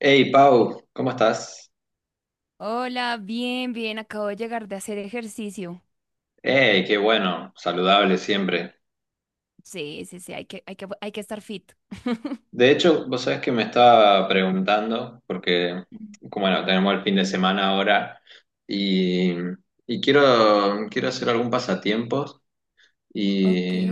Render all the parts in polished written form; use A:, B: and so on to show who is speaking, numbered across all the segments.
A: Hey Pau, ¿cómo estás?
B: Hola, bien, bien, acabo de llegar de hacer ejercicio.
A: Hey, qué bueno, saludable siempre.
B: Sí, sí, sí, hay que estar fit.
A: De hecho, vos sabés que me estaba preguntando, porque, como bueno, tenemos el fin de semana ahora y, y quiero hacer algún pasatiempos
B: Ok.
A: y,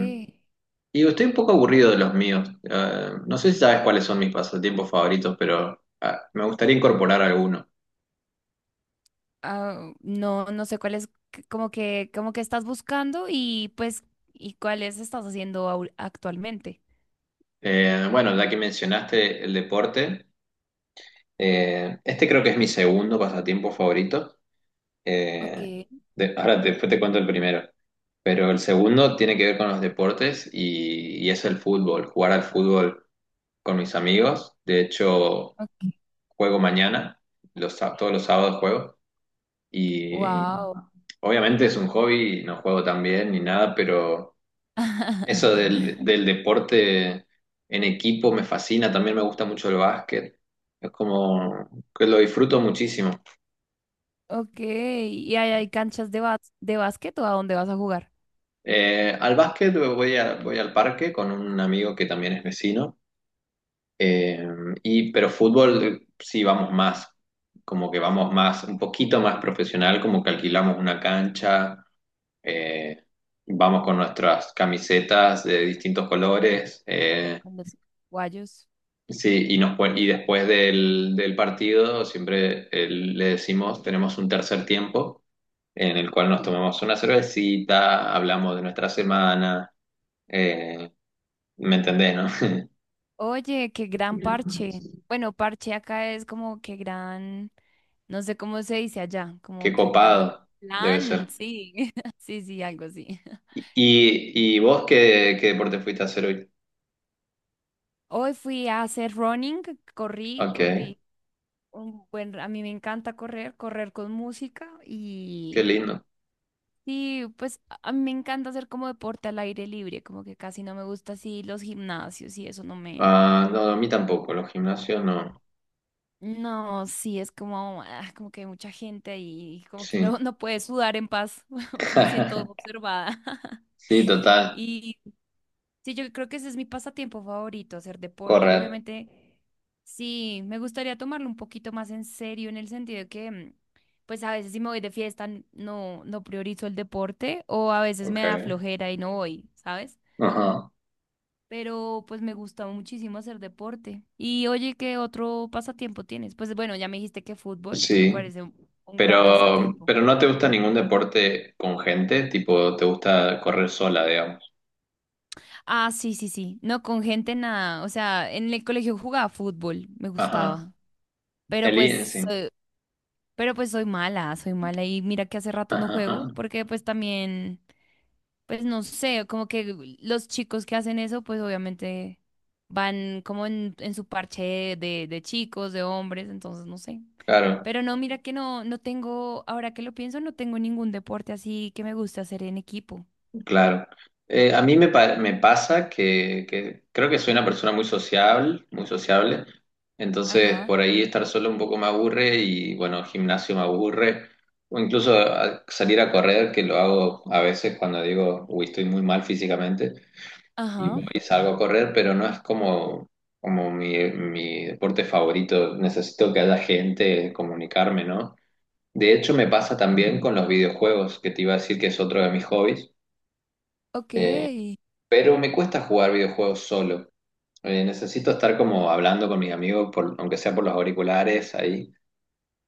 A: y estoy un poco aburrido de los míos. No sé si sabes cuáles son mis pasatiempos favoritos, pero me gustaría incorporar alguno.
B: Ah, no, no sé cuál es, como que estás buscando y pues, y cuáles estás haciendo actualmente.
A: Bueno, ya que mencionaste el deporte, este creo que es mi segundo pasatiempo favorito.
B: Ok,
A: Eh, Ahora después te cuento el primero. Pero el segundo tiene que ver con los deportes y es el fútbol, jugar al fútbol con mis amigos. De hecho,
B: ok.
A: juego mañana, todos los sábados juego. Y
B: Wow.
A: obviamente es un hobby, no juego tan bien ni nada, pero eso del, del deporte en equipo me fascina. También me gusta mucho el básquet. Es como que lo disfruto muchísimo.
B: Ok, ¿y hay canchas de, de básquet o a dónde vas a jugar?
A: Al básquet voy, voy al parque con un amigo que también es vecino. eh, pero fútbol sí vamos más, como que vamos más, un poquito más profesional, como que alquilamos una cancha, eh, vamos con nuestras camisetas de distintos colores.
B: Con los guayos.
A: Sí, y después del partido siempre le decimos, tenemos un tercer tiempo en el cual nos tomamos una cervecita, hablamos de nuestra semana, eh, ¿me entendés, no?
B: Oye, qué gran parche. Bueno, parche acá es como que gran... No sé cómo se dice allá,
A: Qué
B: como que gran
A: copado debe ser.
B: plan, sí, sí, sí, algo así.
A: Y vos qué, qué deporte fuiste a hacer hoy?
B: Hoy fui a hacer running, corrí,
A: Ok,
B: corrí. Un buen, a mí me encanta correr, correr con música
A: qué lindo.
B: y pues a mí me encanta hacer como deporte al aire libre, como que casi no me gusta así los gimnasios y eso no me...
A: Ah, no, a mí tampoco, los gimnasios no.
B: No, sí, es como, ah, como que hay mucha gente ahí, como que
A: Sí.
B: uno no puede sudar en paz, me siento observada.
A: Sí, total.
B: Y sí, yo creo que ese es mi pasatiempo favorito, hacer deporte.
A: Correr.
B: Obviamente, sí, me gustaría tomarlo un poquito más en serio en el sentido de que, pues a veces si me voy de fiesta no priorizo el deporte o a veces me
A: Ok.
B: da flojera y no voy, ¿sabes?
A: Ajá.
B: Pero pues me gusta muchísimo hacer deporte. Y oye, ¿qué otro pasatiempo tienes? Pues bueno, ya me dijiste que fútbol, que me
A: Sí.
B: parece un gran pasatiempo.
A: Pero no te gusta ningún deporte con gente, tipo, te gusta correr sola, digamos.
B: Ah, sí, sí, sí. No, con gente nada. O sea, en el colegio jugaba fútbol, me
A: Ajá.
B: gustaba. Pero pues so-
A: Sí.
B: Pero pues soy mala y mira que hace rato no
A: Ajá, ajá.
B: juego porque pues también, pues no sé, como que los chicos que hacen eso pues obviamente van como en su parche de chicos, de hombres, entonces no sé.
A: Claro,
B: Pero no, mira que no, no tengo, ahora que lo pienso, no tengo ningún deporte así que me guste hacer en equipo.
A: claro. A mí me, me pasa que creo que soy una persona muy sociable, muy sociable. Entonces,
B: Ajá.
A: por ahí estar solo un poco me aburre y, bueno, gimnasio me aburre. O incluso salir a correr, que lo hago a veces cuando digo, uy, estoy muy mal físicamente. Y
B: Ajá,
A: voy y salgo a correr, pero no es como, como mi deporte favorito. Necesito que haya gente, comunicarme, ¿no? De hecho, me pasa también con los videojuegos, que te iba a decir que es otro de mis hobbies,
B: ok.
A: eh, pero me cuesta jugar videojuegos solo. Necesito estar como hablando con mis amigos, aunque sea por los auriculares, ahí.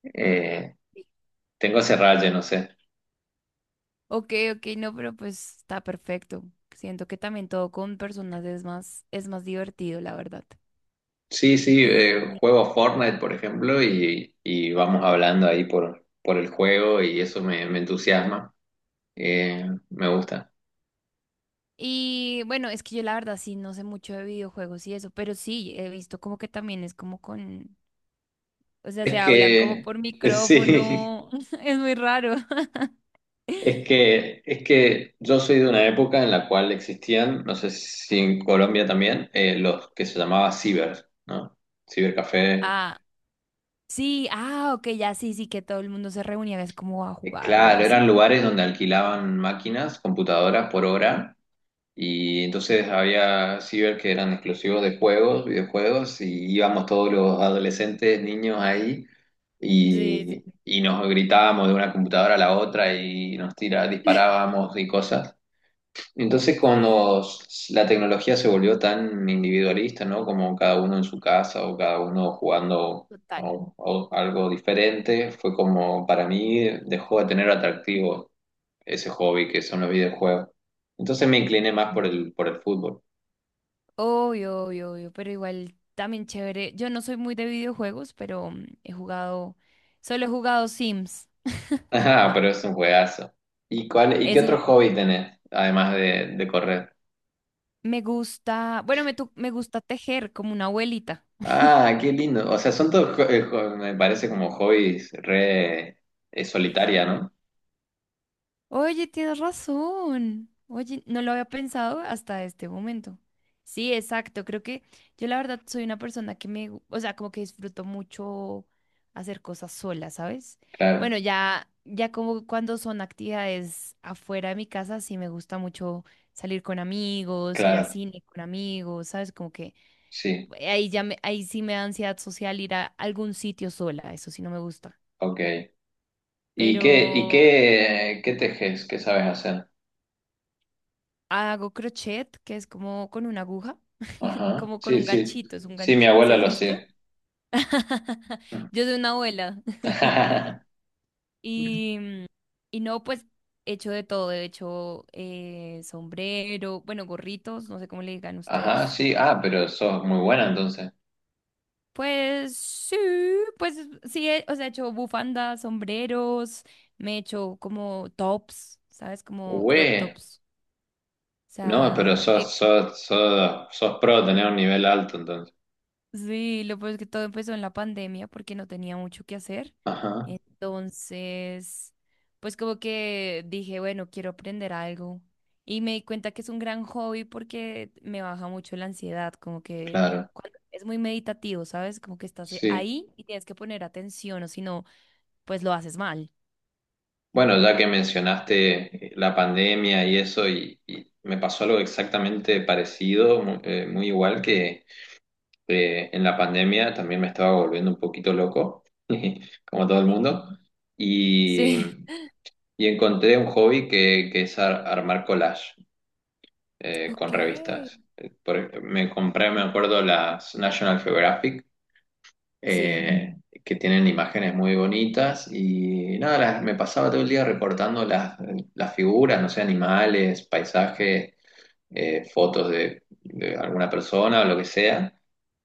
A: Eh, Tengo ese raye, no sé.
B: Ok, ok, no, pero pues está perfecto. Siento que también todo con personas es más divertido, la verdad.
A: Sí, sí, juego Fortnite, por ejemplo, y vamos hablando ahí por el juego y eso me entusiasma. Me gusta.
B: Y bueno, es que yo la verdad sí no sé mucho de videojuegos y eso, pero sí he visto como que también es como con, o sea, se
A: Es
B: hablan como
A: que,
B: por
A: sí,
B: micrófono, es muy raro.
A: es que yo soy de una época en la cual existían, no sé si en Colombia también, los que se llamaba ciber, ¿no? Cibercafé.
B: Ah, sí, ah, ok, ya sí, sí, que todo el mundo se reunía, es como a jugar o algo
A: Claro, eran
B: así.
A: lugares donde alquilaban máquinas, computadoras por hora. Y entonces había ciber que eran exclusivos de juegos, videojuegos, y íbamos todos los adolescentes, niños ahí,
B: Sí, sí,
A: y nos gritábamos de una computadora a la otra y disparábamos y cosas. Entonces,
B: sí, sí,
A: cuando la tecnología se volvió tan individualista, ¿no? Como cada uno en su casa o cada uno
B: total.
A: a algo diferente, fue como para mí dejó de tener atractivo ese hobby que son los videojuegos. Entonces me incliné más por el fútbol.
B: Obvio, obvio, obvio, pero igual también chévere. Yo no soy muy de videojuegos, pero he jugado, solo he jugado Sims.
A: Ajá, pero es un juegazo. ¿Y cuál, y qué
B: Es un.
A: otro hobby tenés, además de correr?
B: Me gusta, bueno, me gusta tejer como una abuelita.
A: Ah, qué lindo. O sea, son todos, me parece como hobbies re solitaria, ¿no?
B: Oye, tienes razón. Oye, no lo había pensado hasta este momento. Sí, exacto. Creo que yo la verdad soy una persona que o sea, como que disfruto mucho hacer cosas sola, ¿sabes?
A: Claro,
B: Bueno, ya, ya como cuando son actividades afuera de mi casa, sí me gusta mucho salir con amigos, ir a
A: claro.
B: cine con amigos, ¿sabes? Como que
A: Sí,
B: ahí sí me da ansiedad social ir a algún sitio sola. Eso sí no me gusta.
A: ok. Y
B: Pero
A: qué, qué tejes? ¿Qué sabes hacer?
B: hago crochet, que es como con una aguja,
A: Ajá,
B: como con
A: sí,
B: un
A: sí.
B: ganchito, es un
A: Sí, mi
B: ganchito. ¿Sí
A: abuela
B: has
A: lo hacía.
B: visto? Yo soy una abuela. Y, y no, pues he hecho de todo, he hecho sombrero, bueno, gorritos, no sé cómo le digan
A: Ajá,
B: ustedes.
A: sí. Ah, pero sos muy buena entonces.
B: Pues sí, pues sí, o sea, he hecho bufandas, sombreros, me he hecho como tops, ¿sabes? Como crop
A: Güey.
B: tops. O
A: No, pero
B: sea,
A: sos, sos, sos, sos pro, tenés un nivel alto entonces.
B: sí, lo pues que todo empezó en la pandemia porque no tenía mucho que hacer.
A: Ajá,
B: Entonces, pues como que dije, bueno, quiero aprender algo. Y me di cuenta que es un gran hobby porque me baja mucho la ansiedad, como que
A: claro.
B: cuando es muy meditativo, ¿sabes? Como que estás
A: Sí.
B: ahí y tienes que poner atención, o si no, pues lo haces mal.
A: Bueno, ya que mencionaste la pandemia y eso, y me pasó algo exactamente parecido, muy igual que... En la pandemia también me estaba volviendo un poquito loco, como todo el
B: Sí.
A: mundo, y,
B: Sí.
A: y encontré un hobby que es armar collage con
B: Ok.
A: revistas. Me compré, me acuerdo, las National Geographic,
B: Sí,
A: eh, que tienen imágenes muy bonitas, y nada, me pasaba todo el día recortando las figuras, no sé, animales, paisajes, fotos de alguna persona o lo que sea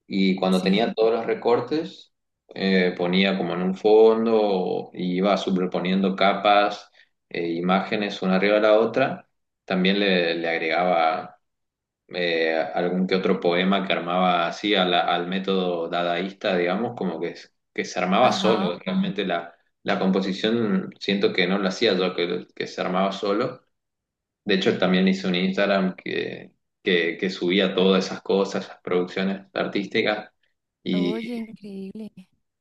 A: y cuando
B: sí.
A: tenía todos los recortes, ponía como en un fondo y iba superponiendo capas, imágenes una arriba de la otra. También le agregaba algún que otro poema que armaba así al método dadaísta, digamos, como que, que se armaba
B: Ajá.
A: solo. Realmente la, la composición siento que no lo hacía yo, que se armaba solo. De hecho, también hice un Instagram que, que subía todas esas cosas, esas producciones artísticas. Y
B: Oye, increíble.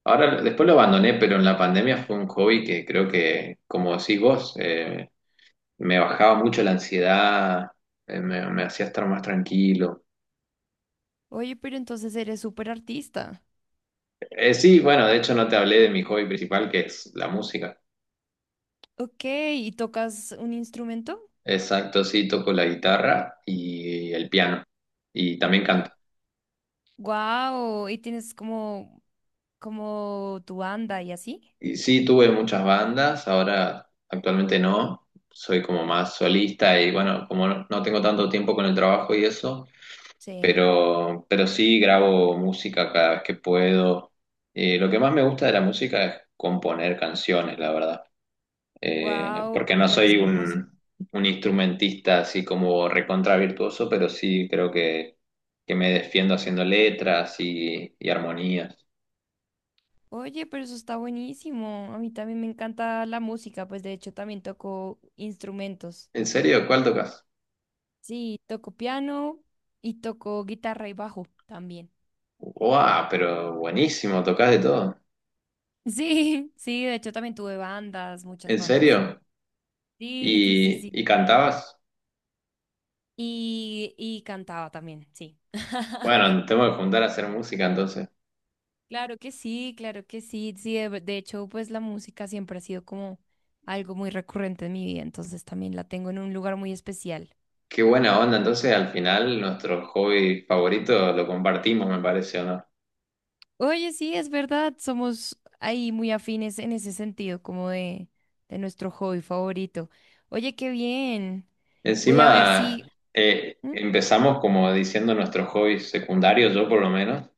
A: ahora, después lo abandoné, pero en la pandemia fue un hobby que creo que, como decís vos, me bajaba mucho la ansiedad, me hacía estar más tranquilo.
B: Oye, pero entonces eres súper artista.
A: Sí, bueno, de hecho no te hablé de mi hobby principal, que es la música.
B: Ok, ¿y tocas un instrumento?
A: Exacto, sí, toco la guitarra y el piano. Y también canto.
B: Wow, ¿y tienes como, como tu banda y así?
A: Y sí, tuve muchas bandas, ahora actualmente no, soy como más solista y bueno, como no, no tengo tanto tiempo con el trabajo y eso,
B: Sí.
A: pero sí grabo música cada vez que puedo. Lo que más me gusta de la música es componer canciones, la verdad.
B: Wow,
A: Porque no
B: eres
A: soy
B: compos.
A: un instrumentista así como recontra virtuoso, pero sí creo que me defiendo haciendo letras y armonías.
B: Oye, pero eso está buenísimo. A mí también me encanta la música, pues de hecho también toco instrumentos.
A: ¿En serio? ¿Cuál tocas?
B: Sí, toco piano y toco guitarra y bajo también.
A: Wow, pero buenísimo, tocás de todo.
B: Sí, sí, de hecho también tuve bandas, muchas
A: ¿En
B: bandas.
A: serio?
B: Sí, sí, sí, sí.
A: Y cantabas?
B: Y cantaba también, sí.
A: Bueno, tengo que juntar a hacer música entonces.
B: Claro que sí, claro que sí. Sí, de hecho, pues la música siempre ha sido como algo muy recurrente en mi vida, entonces también la tengo en un lugar muy especial.
A: Qué buena onda, entonces al final nuestro hobby favorito lo compartimos, me parece, ¿o no?
B: Oye, sí, es verdad, somos ahí muy afines en ese sentido, como de nuestro hobby favorito. Oye, qué bien. Voy a ver
A: Encima,
B: si... ¿Mm?
A: empezamos como diciendo nuestros hobbies secundarios, yo por lo menos,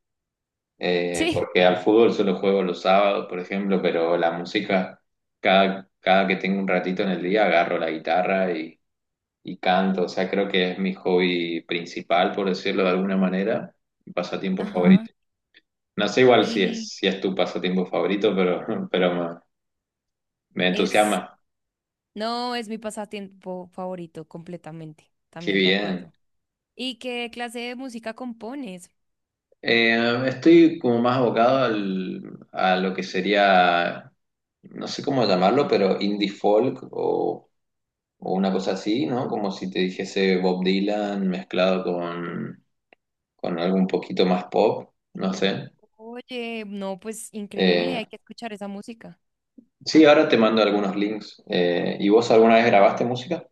B: Sí.
A: porque al fútbol solo juego los sábados, por ejemplo, pero la música, cada, cada que tengo un ratito en el día, agarro la guitarra y canto, o sea, creo que es mi hobby principal, por decirlo de alguna manera, mi pasatiempo
B: Ajá.
A: favorito. No sé igual si es,
B: Y
A: si es tu pasatiempo favorito, pero, pero me
B: es...
A: entusiasma.
B: No, es mi pasatiempo favorito, completamente.
A: Qué
B: También de
A: bien.
B: acuerdo. ¿Y qué clase de música compones?
A: Estoy como más abocado al, a lo que sería, no sé cómo llamarlo, pero indie folk o una cosa así, ¿no? Como si te dijese Bob Dylan mezclado con algo un poquito más pop, no sé.
B: Oye, no, pues increíble,
A: Eh,
B: hay que escuchar esa música.
A: Sí, ahora te mando algunos links. ¿Y vos alguna vez grabaste música?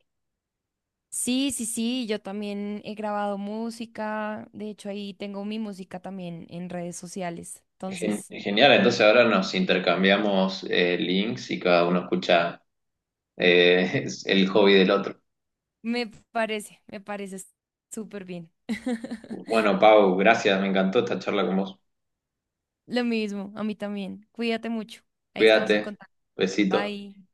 B: Sí, sí, sí, yo también he grabado música, de hecho ahí tengo mi música también en redes sociales, entonces
A: Genial, entonces ahora nos intercambiamos links y cada uno escucha es el hobby del otro.
B: me me parece súper bien.
A: Bueno, Pau, gracias, me encantó esta charla con vos.
B: Lo mismo, a mí también, cuídate mucho, ahí estamos en
A: Cuídate,
B: contacto,
A: besito.
B: bye.